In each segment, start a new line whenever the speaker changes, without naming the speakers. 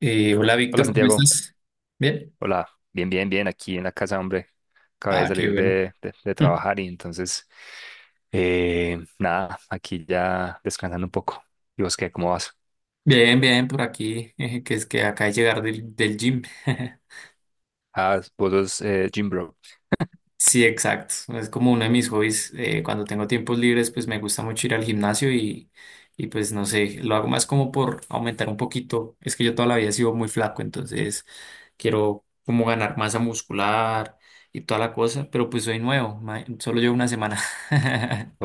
Hola
Hola
Víctor, ¿cómo
Santiago,
estás? Bien.
hola, bien, bien, bien, aquí en la casa, hombre, acabé de
Ah, qué
salir
bueno.
de trabajar y entonces, nada, aquí ya descansando un poco. ¿Y vos qué, cómo vas?
Bien, bien, por aquí, que es que acá de llegar del gym.
Ah, vos sos gym bro.
Sí, exacto. Es como uno de mis hobbies. Cuando tengo tiempos libres, pues me gusta mucho ir al gimnasio y pues no sé, lo hago más como por aumentar un poquito. Es que yo toda la vida he sido muy flaco, entonces quiero como ganar masa muscular y toda la cosa, pero pues soy nuevo, solo llevo una semana.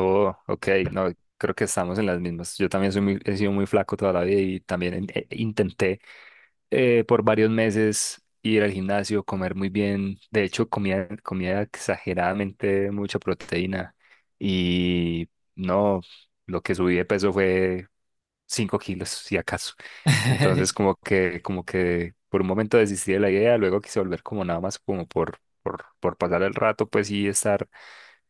Oh, ok, no, creo que estamos en las mismas. Yo también soy he sido muy flaco toda la vida y también intenté por varios meses ir al gimnasio, comer muy bien. De hecho, comía exageradamente mucha proteína y no, lo que subí de peso fue 5 kilos, si acaso. Entonces, como que por un momento desistí de la idea, luego quise volver como nada más como por pasar el rato, pues sí, estar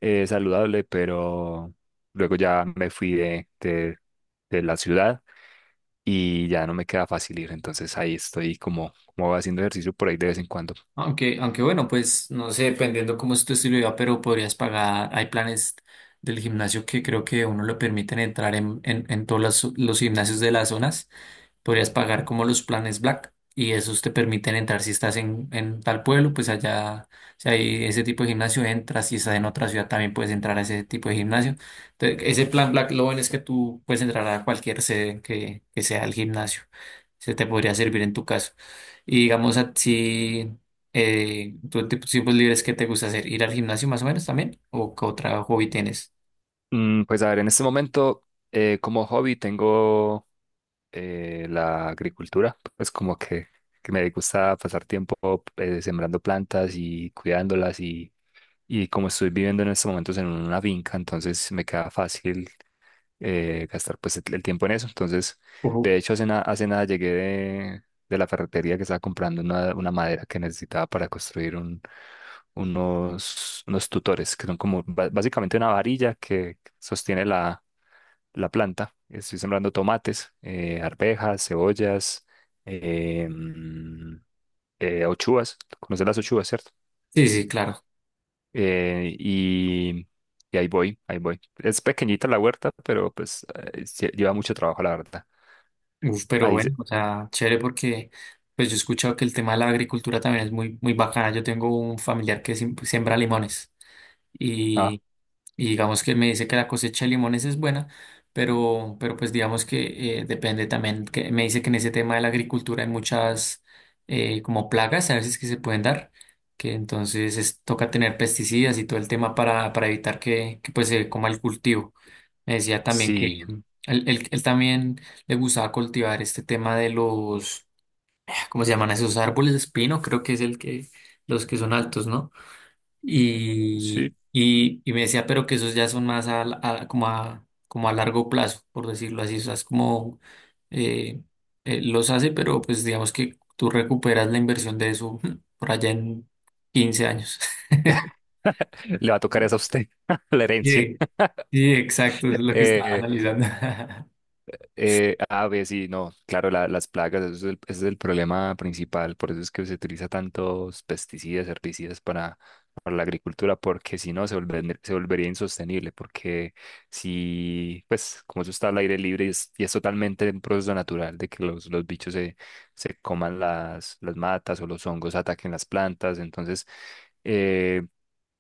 saludable, pero luego ya me fui de la ciudad y ya no me queda fácil ir. Entonces ahí estoy como, como haciendo ejercicio por ahí de vez en cuando.
Aunque, aunque bueno, pues no sé, dependiendo cómo es tu estilo de vida, pero podrías pagar, hay planes del gimnasio que creo que uno lo permiten entrar en todos los gimnasios de las zonas, podrías pagar como los planes Black y esos te permiten entrar si estás en tal pueblo, pues allá, si hay ese tipo de gimnasio, entras, si estás en otra ciudad también puedes entrar a ese tipo de gimnasio. Entonces, ese plan Black, lo bueno es que tú puedes entrar a cualquier sede que sea el gimnasio. Se te podría servir en tu caso. Y digamos, a ti, tú en tus tiempos libres, ¿qué te gusta hacer? ¿Ir al gimnasio más o menos también? ¿O qué otro hobby tienes?
Pues a ver, en este momento como hobby tengo la agricultura, pues como que me gusta pasar tiempo sembrando plantas y cuidándolas y como estoy viviendo en estos momentos en una finca, entonces me queda fácil. Gastar pues el tiempo en eso. Entonces,
Uf.
de hecho, hace nada llegué de la ferretería que estaba comprando una madera que necesitaba para construir un, unos tutores, que son como básicamente una varilla que sostiene la, la planta. Estoy sembrando tomates, arvejas, cebollas, eh, mm, ochuas. ¿Conoces las ochuas, cierto?
Sí, sí, claro.
eh, y, y ahí voy, ahí voy. Es pequeñita la huerta, pero pues sí, lleva mucho trabajo, la verdad.
Uf, pero
Ahí
bueno,
se...
o sea, chévere porque pues yo he escuchado que el tema de la agricultura también es muy, muy bacana. Yo tengo un familiar que siembra limones
Ah,
y, y digamos que me dice que la cosecha de limones es buena, pero pues digamos que depende también, que me dice que en ese tema de la agricultura hay muchas, como plagas a veces que se pueden dar, que entonces toca tener pesticidas y todo el tema para evitar que pues se coma el cultivo. Me decía también que
sí,
él, él también le gustaba cultivar este tema de los, ¿cómo se llaman esos árboles? Espino, creo que es el que, los que son altos, ¿no?
sí.
Y me decía, pero que esos ya son más a, como a, como a largo plazo, por decirlo así. O sea, es como eh, los hace, pero pues digamos que tú recuperas la inversión de eso por allá en 15 años.
Le va a tocar esa a usted, la herencia.
Sí, sí, exacto, es lo que estaba
Eh,
analizando.
A ver, sí, no, claro, las plagas, eso es el, ese es el problema principal, por eso es que se utiliza tantos pesticidas, herbicidas para la agricultura, porque si no se se volvería insostenible, porque si, pues, como eso está al aire libre y es totalmente un proceso natural de que los bichos se, se coman las matas o los hongos ataquen las plantas, entonces, eh,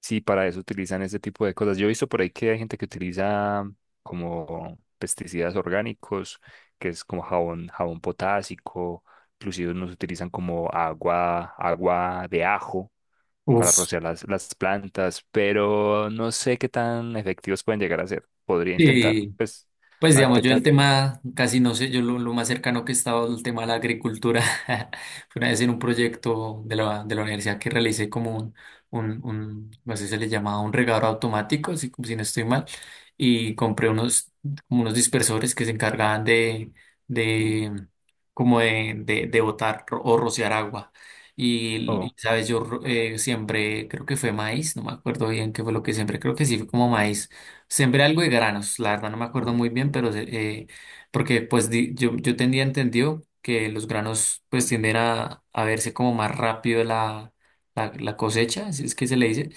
sí, para eso utilizan ese tipo de cosas. Yo he visto por ahí que hay gente que utiliza como pesticidas orgánicos, que es como jabón, jabón potásico, inclusive nos utilizan como agua, agua de ajo para
Uf,
rociar las plantas, pero no sé qué tan efectivos pueden llegar a ser. Podría intentar,
sí.
pues,
Pues
a ver
digamos,
qué
yo el
tan...
tema casi no sé, yo lo más cercano que he estado al tema de la agricultura fue una vez en un proyecto de la universidad que realicé como un, no sé si se le llamaba un regador automático, si, si no estoy mal, y compré unos, como unos dispersores que se encargaban de como de botar o rociar agua.
Oh,
Y, sabes, yo siembré, creo que fue maíz, no me acuerdo bien qué fue lo que siembré, creo que sí fue como maíz. Sembré algo de granos, la verdad no me acuerdo muy bien, pero eh, porque pues yo, yo tenía entendido que los granos pues tienden a verse como más rápido la, la, la cosecha, si es que se le dice,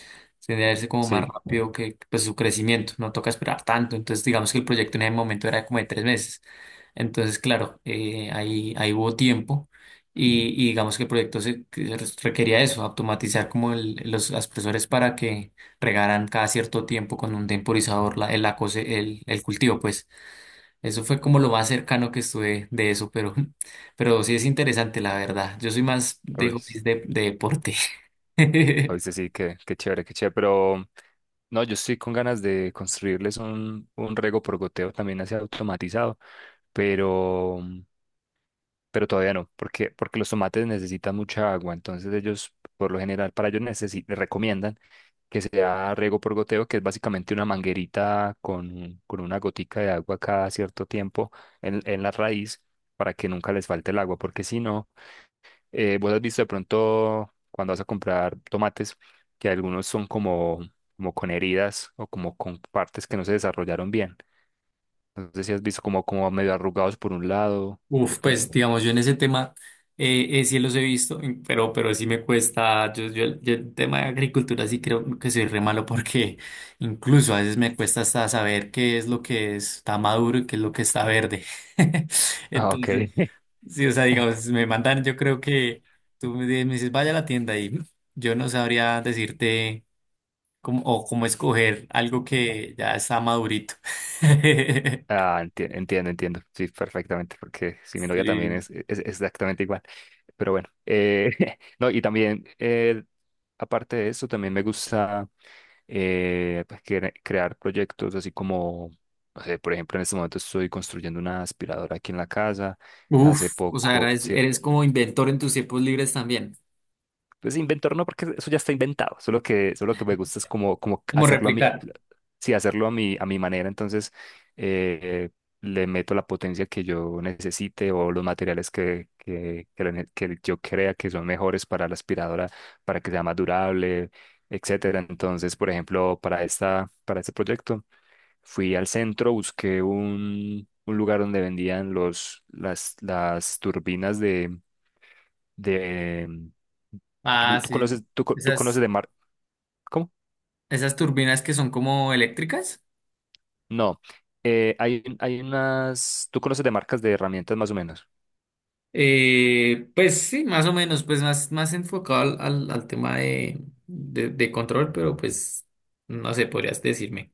tiende a verse como más
sí,
rápido que pues su crecimiento, no toca esperar tanto, entonces digamos que el proyecto en ese momento era como de 3 meses, entonces claro, ahí, ahí hubo tiempo y digamos que el proyecto se, que se requería eso, automatizar como los aspersores para que regaran cada cierto tiempo con un temporizador la, el, el cultivo, pues eso fue como lo más cercano que estuve de eso, pero, pero sí es interesante, la verdad. Yo soy más de
oís-
hobbies de deporte.
oíste, sí, qué, qué chévere, pero... No, yo estoy con ganas de construirles un riego por goteo también así automatizado, pero pero todavía no, porque, porque los tomates necesitan mucha agua, entonces ellos, por lo general, para ellos recomiendan que sea riego por goteo, que es básicamente una manguerita con, con una gotica de agua cada cierto tiempo en la raíz para que nunca les falte el agua, porque si no, vos has visto de pronto cuando vas a comprar tomates, que algunos son como, como con heridas o como con partes que no se desarrollaron bien. Entonces, si has visto como, como medio arrugados por un lado, o
Uf,
como...
pues digamos, yo en ese tema sí los he visto, pero sí me cuesta, yo el tema de agricultura sí creo que soy re malo porque incluso a veces me cuesta hasta saber qué es lo que está maduro y qué es lo que está verde.
Ah, ok.
Entonces, sí, o sea, digamos, me mandan, yo creo que tú me dices, vaya a la tienda y yo no sabría decirte cómo, o cómo escoger algo que ya está madurito.
Ah, entiendo, entiendo. Sí, perfectamente, porque si mi novia también
Sí.
es, es exactamente igual. Pero bueno, no, y también, aparte de eso, también me gusta pues, crear proyectos así como, no sé, por ejemplo, en este momento estoy construyendo una aspiradora aquí en la casa. Hace
Uf, o sea,
poco,
eres,
sí,
eres como inventor en tus tiempos libres también.
pues inventor no, porque eso ya está inventado. Solo que me gusta es como, como
¿Como
hacerlo a mi,
replicar?
sí, hacerlo a mi manera. Entonces, eh, le meto la potencia que yo necesite o los materiales que la que yo crea que son mejores para la aspiradora, para que sea más durable, etcétera. Entonces, por ejemplo, para este proyecto, fui al centro, busqué un lugar donde vendían los, las turbinas de...
Ah,
¿Tú, tú
sí.
conoces, tú, tú conoces
Esas,
de mar... ¿Cómo?
esas turbinas que son como eléctricas.
No. Hay unas... ¿Tú conoces de marcas de herramientas más o menos?
Pues sí, más o menos, pues más, más enfocado al, al, al tema de control, pero pues no sé, podrías decirme.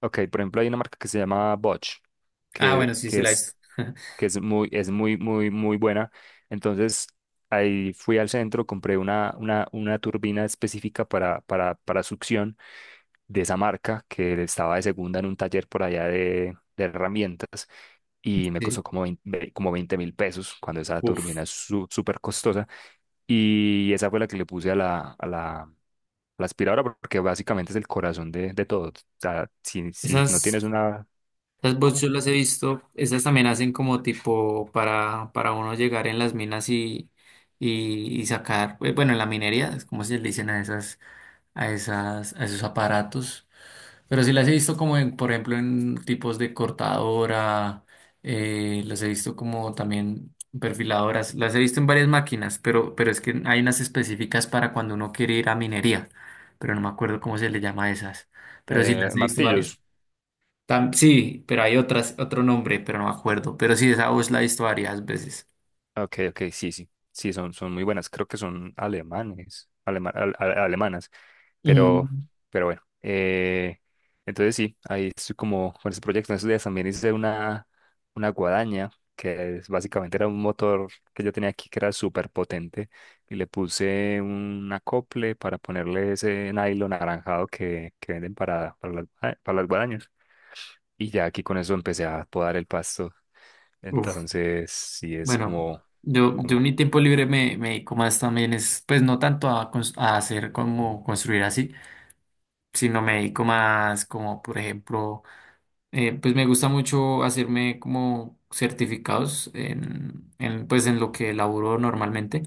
Ok, por ejemplo, hay una marca que se llama Bosch,
Ah,
que,
bueno, sí,
que
sí la he
es,
visto.
que es muy, es muy buena. Entonces, ahí fui al centro, compré una, una turbina específica para succión de esa marca que estaba de segunda en un taller por allá de herramientas y me costó
Sí.
como 20 como 20 mil pesos cuando esa
Uf.
turbina es súper costosa y esa fue la que le puse a la, a la, a la aspiradora porque básicamente es el corazón de todo. O sea, si, si no
Esas.
tienes una,
Esas bots
¿cómo?
yo las he visto, esas también hacen como tipo para uno llegar en las minas y sacar, bueno, en la minería, es como se le dicen a esas, a esas, a esos aparatos. Pero sí las he visto como en, por ejemplo, en tipos de cortadora, las he visto como también perfiladoras, las he visto en varias máquinas, pero es que hay unas específicas para cuando uno quiere ir a minería, pero no me acuerdo cómo se le llama a esas. Pero sí las he visto varias.
Martillos,
Sí, pero hay otras, otro nombre, pero no me acuerdo. Pero sí, esa voz la he visto varias veces.
ok, ok, sí, sí, sí, son, son muy buenas. Creo que son alemanes, alemanas, pero,
Mm.
pero bueno. Entonces sí, ahí estoy como con ese proyecto. En esos días también hice una guadaña, que es, básicamente era un motor que yo tenía aquí que era súper potente, y le puse un acople para ponerle ese nylon anaranjado que venden para las, ah, para las guadañas. Y ya aquí con eso empecé a podar el pasto.
Uf,
Entonces sí es
bueno,
como...
yo
como
en mi tiempo libre me, me dedico más también es, pues no tanto a, a hacer como construir así, sino me dedico más como, por ejemplo, pues me gusta mucho hacerme como certificados en, pues en lo que laburo normalmente.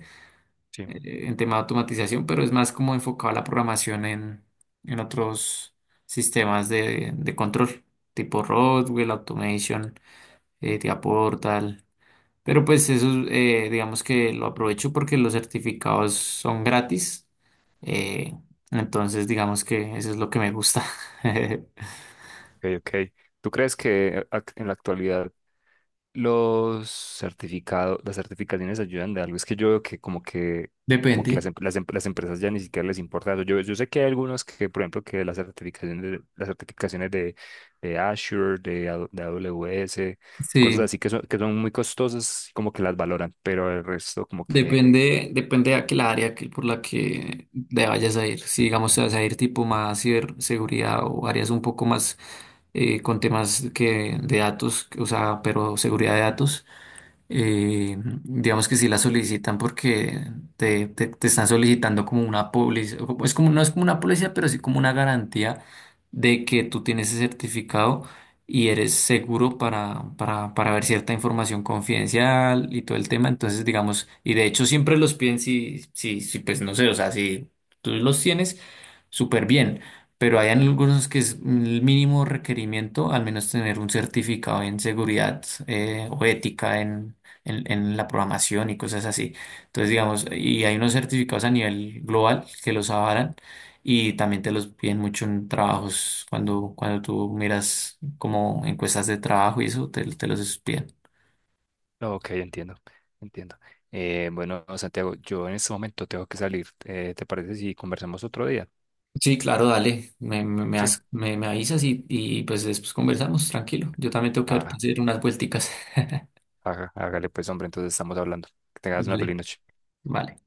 sí, ok,
En tema de automatización, pero es más como enfocado a la programación en otros sistemas de control, tipo Rockwell, Automation, Tia Portal. Pero pues eso, digamos que lo aprovecho porque los certificados son gratis. eh, entonces, digamos que eso es lo que me gusta.
ok. ¿Tú crees que en la actualidad los certificados, las certificaciones ayudan de algo? Es que yo veo que como que, como
Depende.
que las, las, las empresas ya ni siquiera les importa eso. Yo sé que hay algunos que, por ejemplo, que las certificaciones, las certificaciones de Azure, de, de AWS, cosas
Sí.
así que son muy costosas, como que las valoran, pero el resto como que,
Depende, depende de aquel área que, por la que te vayas a ir. Si digamos te vas a ir tipo más ciberseguridad o áreas un poco más, con temas que, de datos, o sea, pero seguridad de datos, eh, digamos que sí la solicitan porque te, te están solicitando como una póliza, o es como, no es como una póliza, pero sí como una garantía de que tú tienes ese certificado y eres seguro para ver cierta información confidencial y todo el tema. Entonces, digamos, y de hecho siempre los piden si, si, si, pues no sé, o sea, si tú los tienes, súper bien. Pero hay algunos que es el mínimo requerimiento, al menos tener un certificado en seguridad, o ética en la programación y cosas así. Entonces, digamos, y hay unos certificados a nivel global que los avalan y también te los piden mucho en trabajos, cuando, cuando tú miras como encuestas de trabajo y eso, te los piden.
no, ok, entiendo, entiendo. Bueno, Santiago, yo en este momento tengo que salir. ¿Te parece si conversamos otro día?
Sí, claro, dale, me,
Sí.
me avisas y pues después conversamos, tranquilo. Yo también tengo que
Ah,
hacer unas vuelticas.
hágale pues, hombre, entonces estamos hablando. Que tengas una
Vale,
feliz noche.
vale.